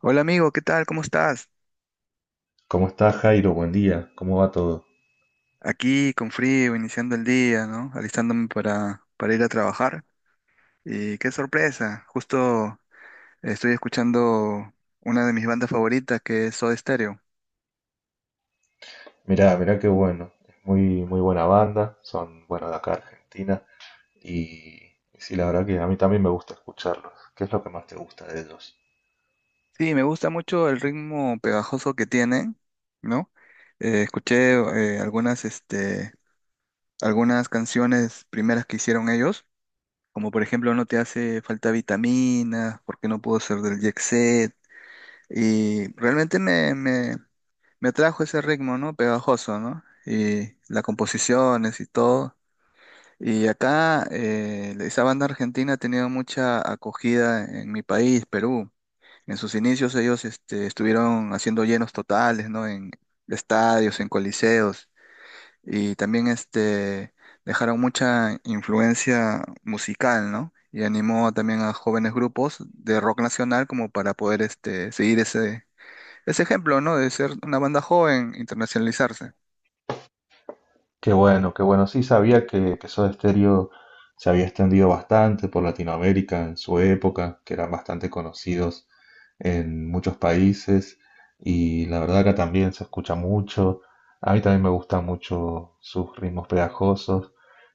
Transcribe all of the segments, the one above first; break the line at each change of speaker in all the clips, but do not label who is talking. Hola amigo, ¿qué tal? ¿Cómo estás?
¿Cómo estás, Jairo? Buen día. ¿Cómo va todo?
Aquí con frío, iniciando el día, ¿no? Alistándome para ir a trabajar. Y qué sorpresa, justo estoy escuchando una de mis bandas favoritas que es Soda Stereo.
Mirá, mirá qué bueno. Es muy, muy buena banda. Son, bueno, de acá Argentina. Y sí, la verdad que a mí también me gusta escucharlos. ¿Qué es lo que más te gusta de ellos?
Sí, me gusta mucho el ritmo pegajoso que tienen, ¿no? Escuché eh, algunas, este, algunas canciones primeras que hicieron ellos, como por ejemplo No te hace falta vitamina, ¿Por qué no puedo ser del Jet Set? Y realmente me trajo ese ritmo, ¿no? Pegajoso, ¿no? Y las composiciones y todo. Y acá esa banda argentina ha tenido mucha acogida en mi país, Perú. En sus inicios ellos estuvieron haciendo llenos totales, ¿no? En estadios, en coliseos. Y también dejaron mucha influencia musical, ¿no? Y animó también a jóvenes grupos de rock nacional como para poder seguir ese ejemplo, ¿no? De ser una banda joven, internacionalizarse.
Qué bueno, qué bueno. Sí, sabía que Soda Stereo se había extendido bastante por Latinoamérica en su época, que eran bastante conocidos en muchos países y la verdad acá también se escucha mucho. A mí también me gustan mucho sus ritmos pegajosos,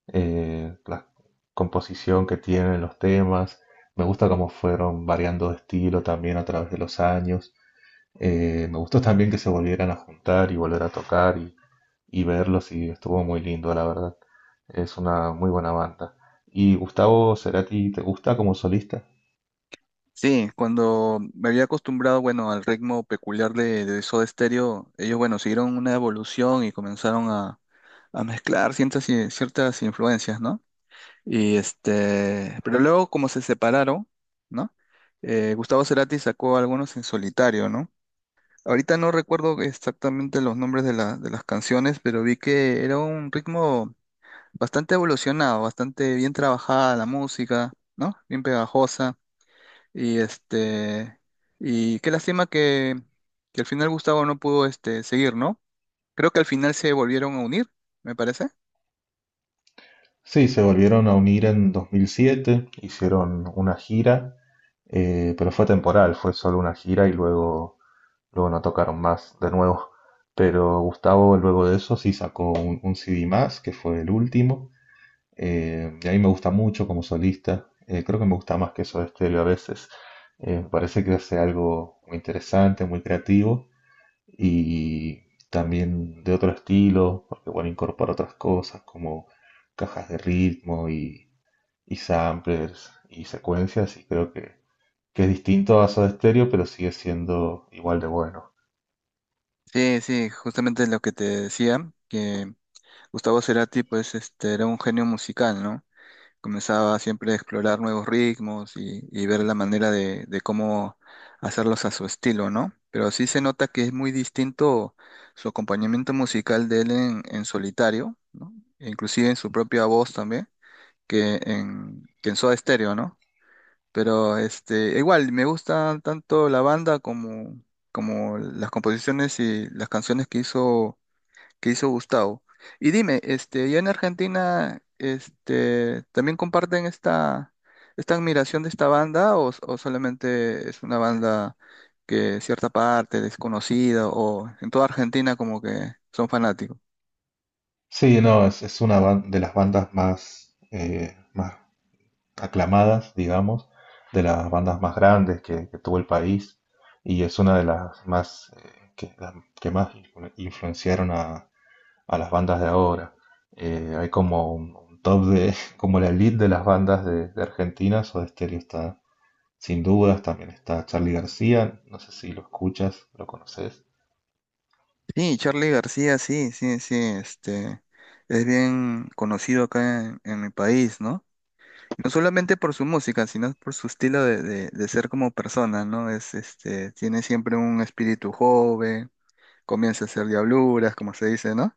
la composición que tienen los temas. Me gusta cómo fueron variando de estilo también a través de los años. Me gustó también que se volvieran a juntar y volver a tocar y verlos y estuvo muy lindo, la verdad. Es una muy buena banda. ¿Y Gustavo Cerati te gusta como solista?
Sí, cuando me había acostumbrado, bueno, al ritmo peculiar de Soda Stereo, ellos, bueno, siguieron una evolución y comenzaron a mezclar ciertas influencias, ¿no? Pero luego como se separaron, ¿no? Gustavo Cerati sacó algunos en solitario, ¿no? Ahorita no recuerdo exactamente los nombres de las canciones, pero vi que era un ritmo bastante evolucionado, bastante bien trabajada la música, ¿no? Bien pegajosa. Y este, y qué lástima que al final Gustavo no pudo seguir, ¿no? Creo que al final se volvieron a unir, me parece.
Sí, se volvieron a unir en 2007, hicieron una gira, pero fue temporal, fue solo una gira y luego no tocaron más de nuevo. Pero Gustavo luego de eso sí sacó un CD más, que fue el último. Y a mí me gusta mucho como solista. Creo que me gusta más que Soda Stereo a veces. Me parece que hace algo muy interesante, muy creativo y también de otro estilo, porque bueno, incorpora otras cosas como cajas de ritmo y samplers y secuencias y creo que es distinto a Soda Stereo, pero sigue siendo igual de bueno.
Sí, sí, justamente lo que te decía, que Gustavo Cerati, pues, era un genio musical, ¿no? Comenzaba siempre a explorar nuevos ritmos y ver la manera de cómo hacerlos a su estilo, ¿no? Pero sí se nota que es muy distinto su acompañamiento musical de él en solitario, ¿no? E inclusive en su propia voz también que en Soda Stereo, ¿no? Pero igual, me gusta tanto la banda como las composiciones y las canciones que hizo Gustavo. Y dime, ya en Argentina, ¿también comparten esta admiración de esta banda o solamente es una banda que cierta parte desconocida o en toda Argentina como que son fanáticos?
Sí, no, es una de las bandas más, más aclamadas, digamos, de las bandas más grandes que tuvo el país y es una de las más las que más influenciaron a las bandas de ahora. Hay como un top de, como la elite de las bandas de Argentina. Soda Stereo está sin dudas, también está Charly García, no sé si lo escuchas, lo conoces.
Sí, Charlie García, sí, sí, sí, este, es bien conocido acá en mi país, ¿no? No solamente por su música, sino por su estilo de ser como persona, ¿no? Tiene siempre un espíritu joven, comienza a hacer diabluras, como se dice, ¿no?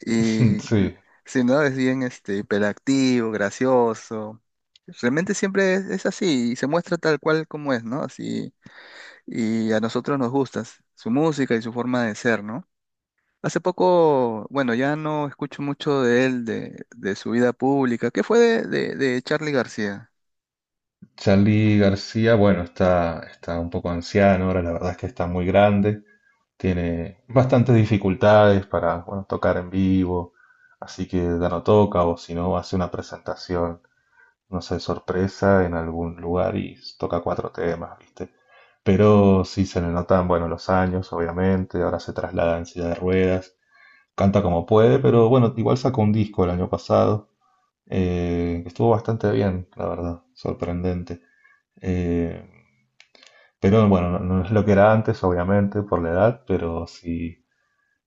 Y, l-
Sí,
sí, ¿no? Es bien, hiperactivo, gracioso. Realmente siempre es así y se muestra tal cual como es, ¿no? Así, y a nosotros nos gusta su música y su forma de ser, ¿no? Hace poco, bueno, ya no escucho mucho de él, de su vida pública. ¿Qué fue de Charly García?
Charly García, bueno, está un poco anciano, ahora la verdad es que está muy grande. Tiene bastantes dificultades para, bueno, tocar en vivo, así que ya no toca o si no hace una presentación, no sé, sorpresa en algún lugar y toca cuatro temas, ¿viste? Pero sí se le notan, bueno, los años, obviamente, ahora se traslada en silla de ruedas, canta como puede, pero bueno, igual sacó un disco el año pasado, que estuvo bastante bien, la verdad, sorprendente. Eh, pero bueno, no, no es lo que era antes, obviamente, por la edad, pero sí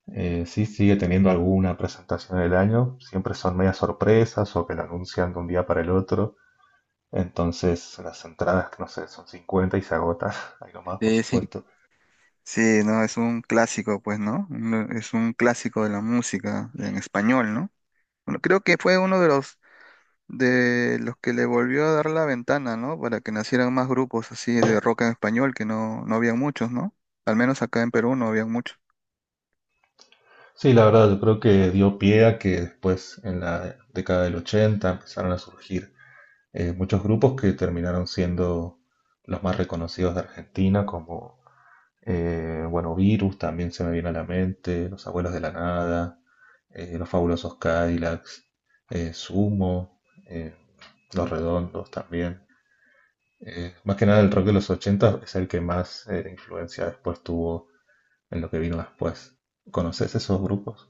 sí, sigue teniendo alguna presentación del año, siempre son medias sorpresas o que lo anuncian de un día para el otro. Entonces las entradas, no sé, son 50 y se agotan, algo más por
Sí, sí.
supuesto.
Sí, no, es un clásico, pues, ¿no? Es un clásico de la música en español, ¿no? Bueno, creo que fue uno de los que le volvió a dar la ventana, ¿no? Para que nacieran más grupos así de rock en español, que no había muchos, ¿no? Al menos acá en Perú no había muchos.
Sí, la verdad, yo creo que dio pie a que después en la década del 80 empezaron a surgir muchos grupos que terminaron siendo los más reconocidos de Argentina, como bueno, Virus también se me viene a la mente, Los Abuelos de la Nada, Los Fabulosos Cadillacs, Sumo, eh, Los Redondos también. Más que nada el rock de los 80 es el que más influencia después tuvo en lo que vino después. ¿Conoces esos grupos?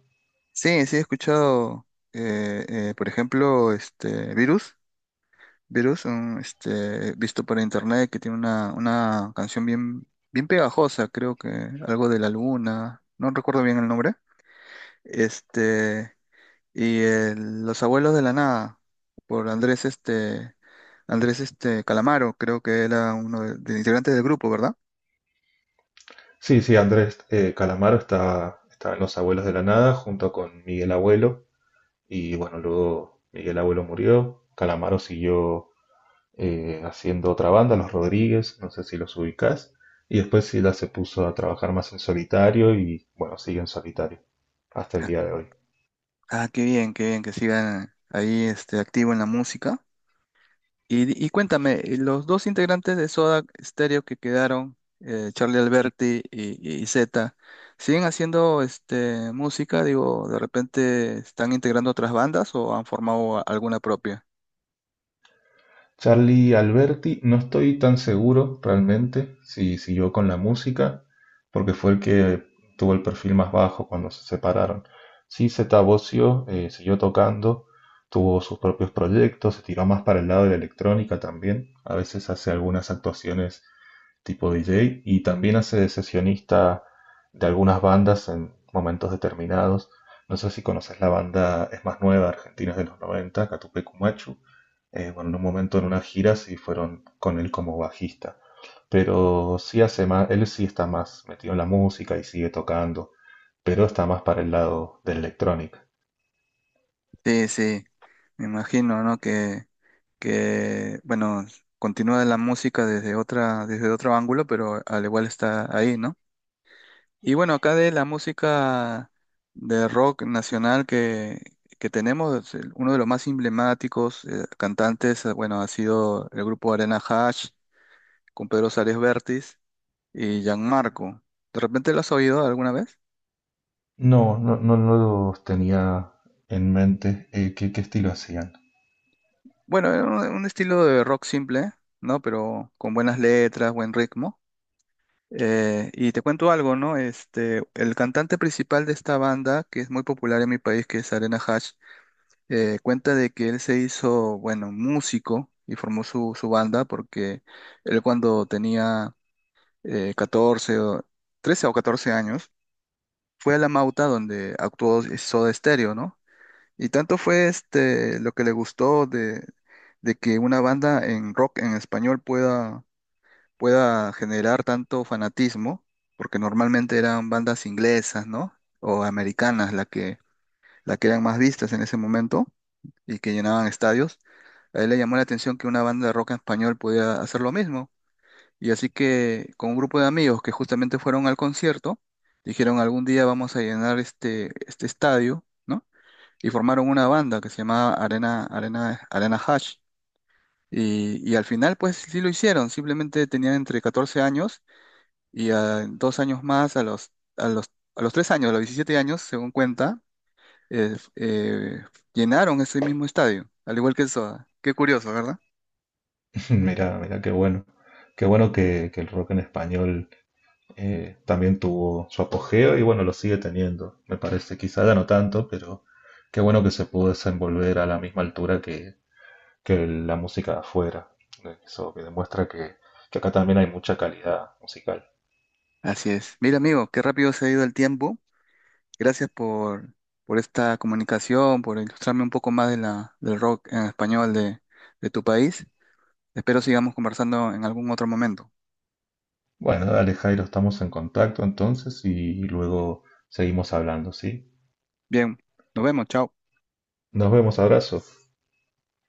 Sí, sí he escuchado, por ejemplo, este Virus. Virus, visto por internet, que tiene una canción bien, bien pegajosa, creo que algo de la luna, no recuerdo bien el nombre. Este, y el Los Abuelos de la Nada, por Andrés Calamaro, creo que era uno de los integrantes del grupo, ¿verdad?
Sí, sí, Andrés Calamaro está en Los Abuelos de la Nada junto con Miguel Abuelo y bueno, luego Miguel Abuelo murió, Calamaro siguió haciendo otra banda, Los Rodríguez, no sé si los ubicás. Y después Sila se puso a trabajar más en solitario y bueno, sigue en solitario hasta el día de hoy.
Ah, qué bien que sigan ahí, activo en la música. Y cuéntame, los dos integrantes de Soda Stereo que quedaron, Charlie Alberti y Zeta, ¿siguen haciendo música? Digo, ¿de repente están integrando otras bandas o han formado alguna propia?
Charlie Alberti, no estoy tan seguro realmente si siguió con la música, porque fue el que tuvo el perfil más bajo cuando se separaron. Sí, Zeta Bosio siguió tocando, tuvo sus propios proyectos, se tiró más para el lado de la electrónica también. A veces hace algunas actuaciones tipo DJ y también hace de sesionista de algunas bandas en momentos determinados. No sé si conoces la banda, es más nueva, Argentina, es de los 90, Catupecu Machu. Bueno, en un momento en una gira sí fueron con él como bajista, pero sí hace más, él sí está más metido en la música y sigue tocando, pero está más para el lado del electrónica.
Sí, sí, me imagino, ¿no? Que bueno, continúa la música desde otro ángulo, pero al igual está ahí, ¿no? Y bueno, acá de la música de rock nacional que tenemos, uno de los más emblemáticos cantantes, bueno, ha sido el grupo Arena Hash con Pedro Suárez Vértiz y Gianmarco. ¿De repente lo has oído alguna vez?
No, no, no, no los tenía en mente qué estilo hacían.
Bueno, era un estilo de rock simple, ¿no? Pero con buenas letras, buen ritmo. Y te cuento algo, ¿no? El cantante principal de esta banda, que es muy popular en mi país, que es Arena Hash, cuenta de que él se hizo, bueno, músico y formó su banda porque él cuando tenía eh, 14, o- 13 o 14 años, fue a La Mauta donde actuó Soda Stereo, ¿no? Y tanto fue lo que le gustó de que una banda en rock en español pueda generar tanto fanatismo, porque normalmente eran bandas inglesas, ¿no? O americanas la que eran más vistas en ese momento y que llenaban estadios. A él le llamó la atención que una banda de rock en español podía hacer lo mismo. Y así que con un grupo de amigos que justamente fueron al concierto, dijeron algún día vamos a llenar este estadio, ¿no? Y formaron una banda que se llamaba Arena Hash. Y al final, pues sí lo hicieron, simplemente tenían entre 14 años y a 2 años más, a los, a los 3 años, a los 17 años, según cuenta, eh, eh, llenaron ese mismo estadio, al igual que eso. Qué curioso, ¿verdad?
Mira, mira, qué bueno. Qué bueno que el rock en español también tuvo su apogeo y bueno, lo sigue teniendo, me parece. Quizá ya no tanto, pero qué bueno que se pudo desenvolver a la misma altura que la música de afuera. Eso que demuestra que acá también hay mucha calidad musical.
Así es. Mira, amigo, qué rápido se ha ido el tiempo. Gracias por esta comunicación, por ilustrarme un poco más del rock en español de tu país. Espero sigamos conversando en algún otro momento.
Bueno, dale Jairo, estamos en contacto entonces y luego seguimos hablando, ¿sí?
Bien, nos vemos, chao.
Nos vemos, abrazo.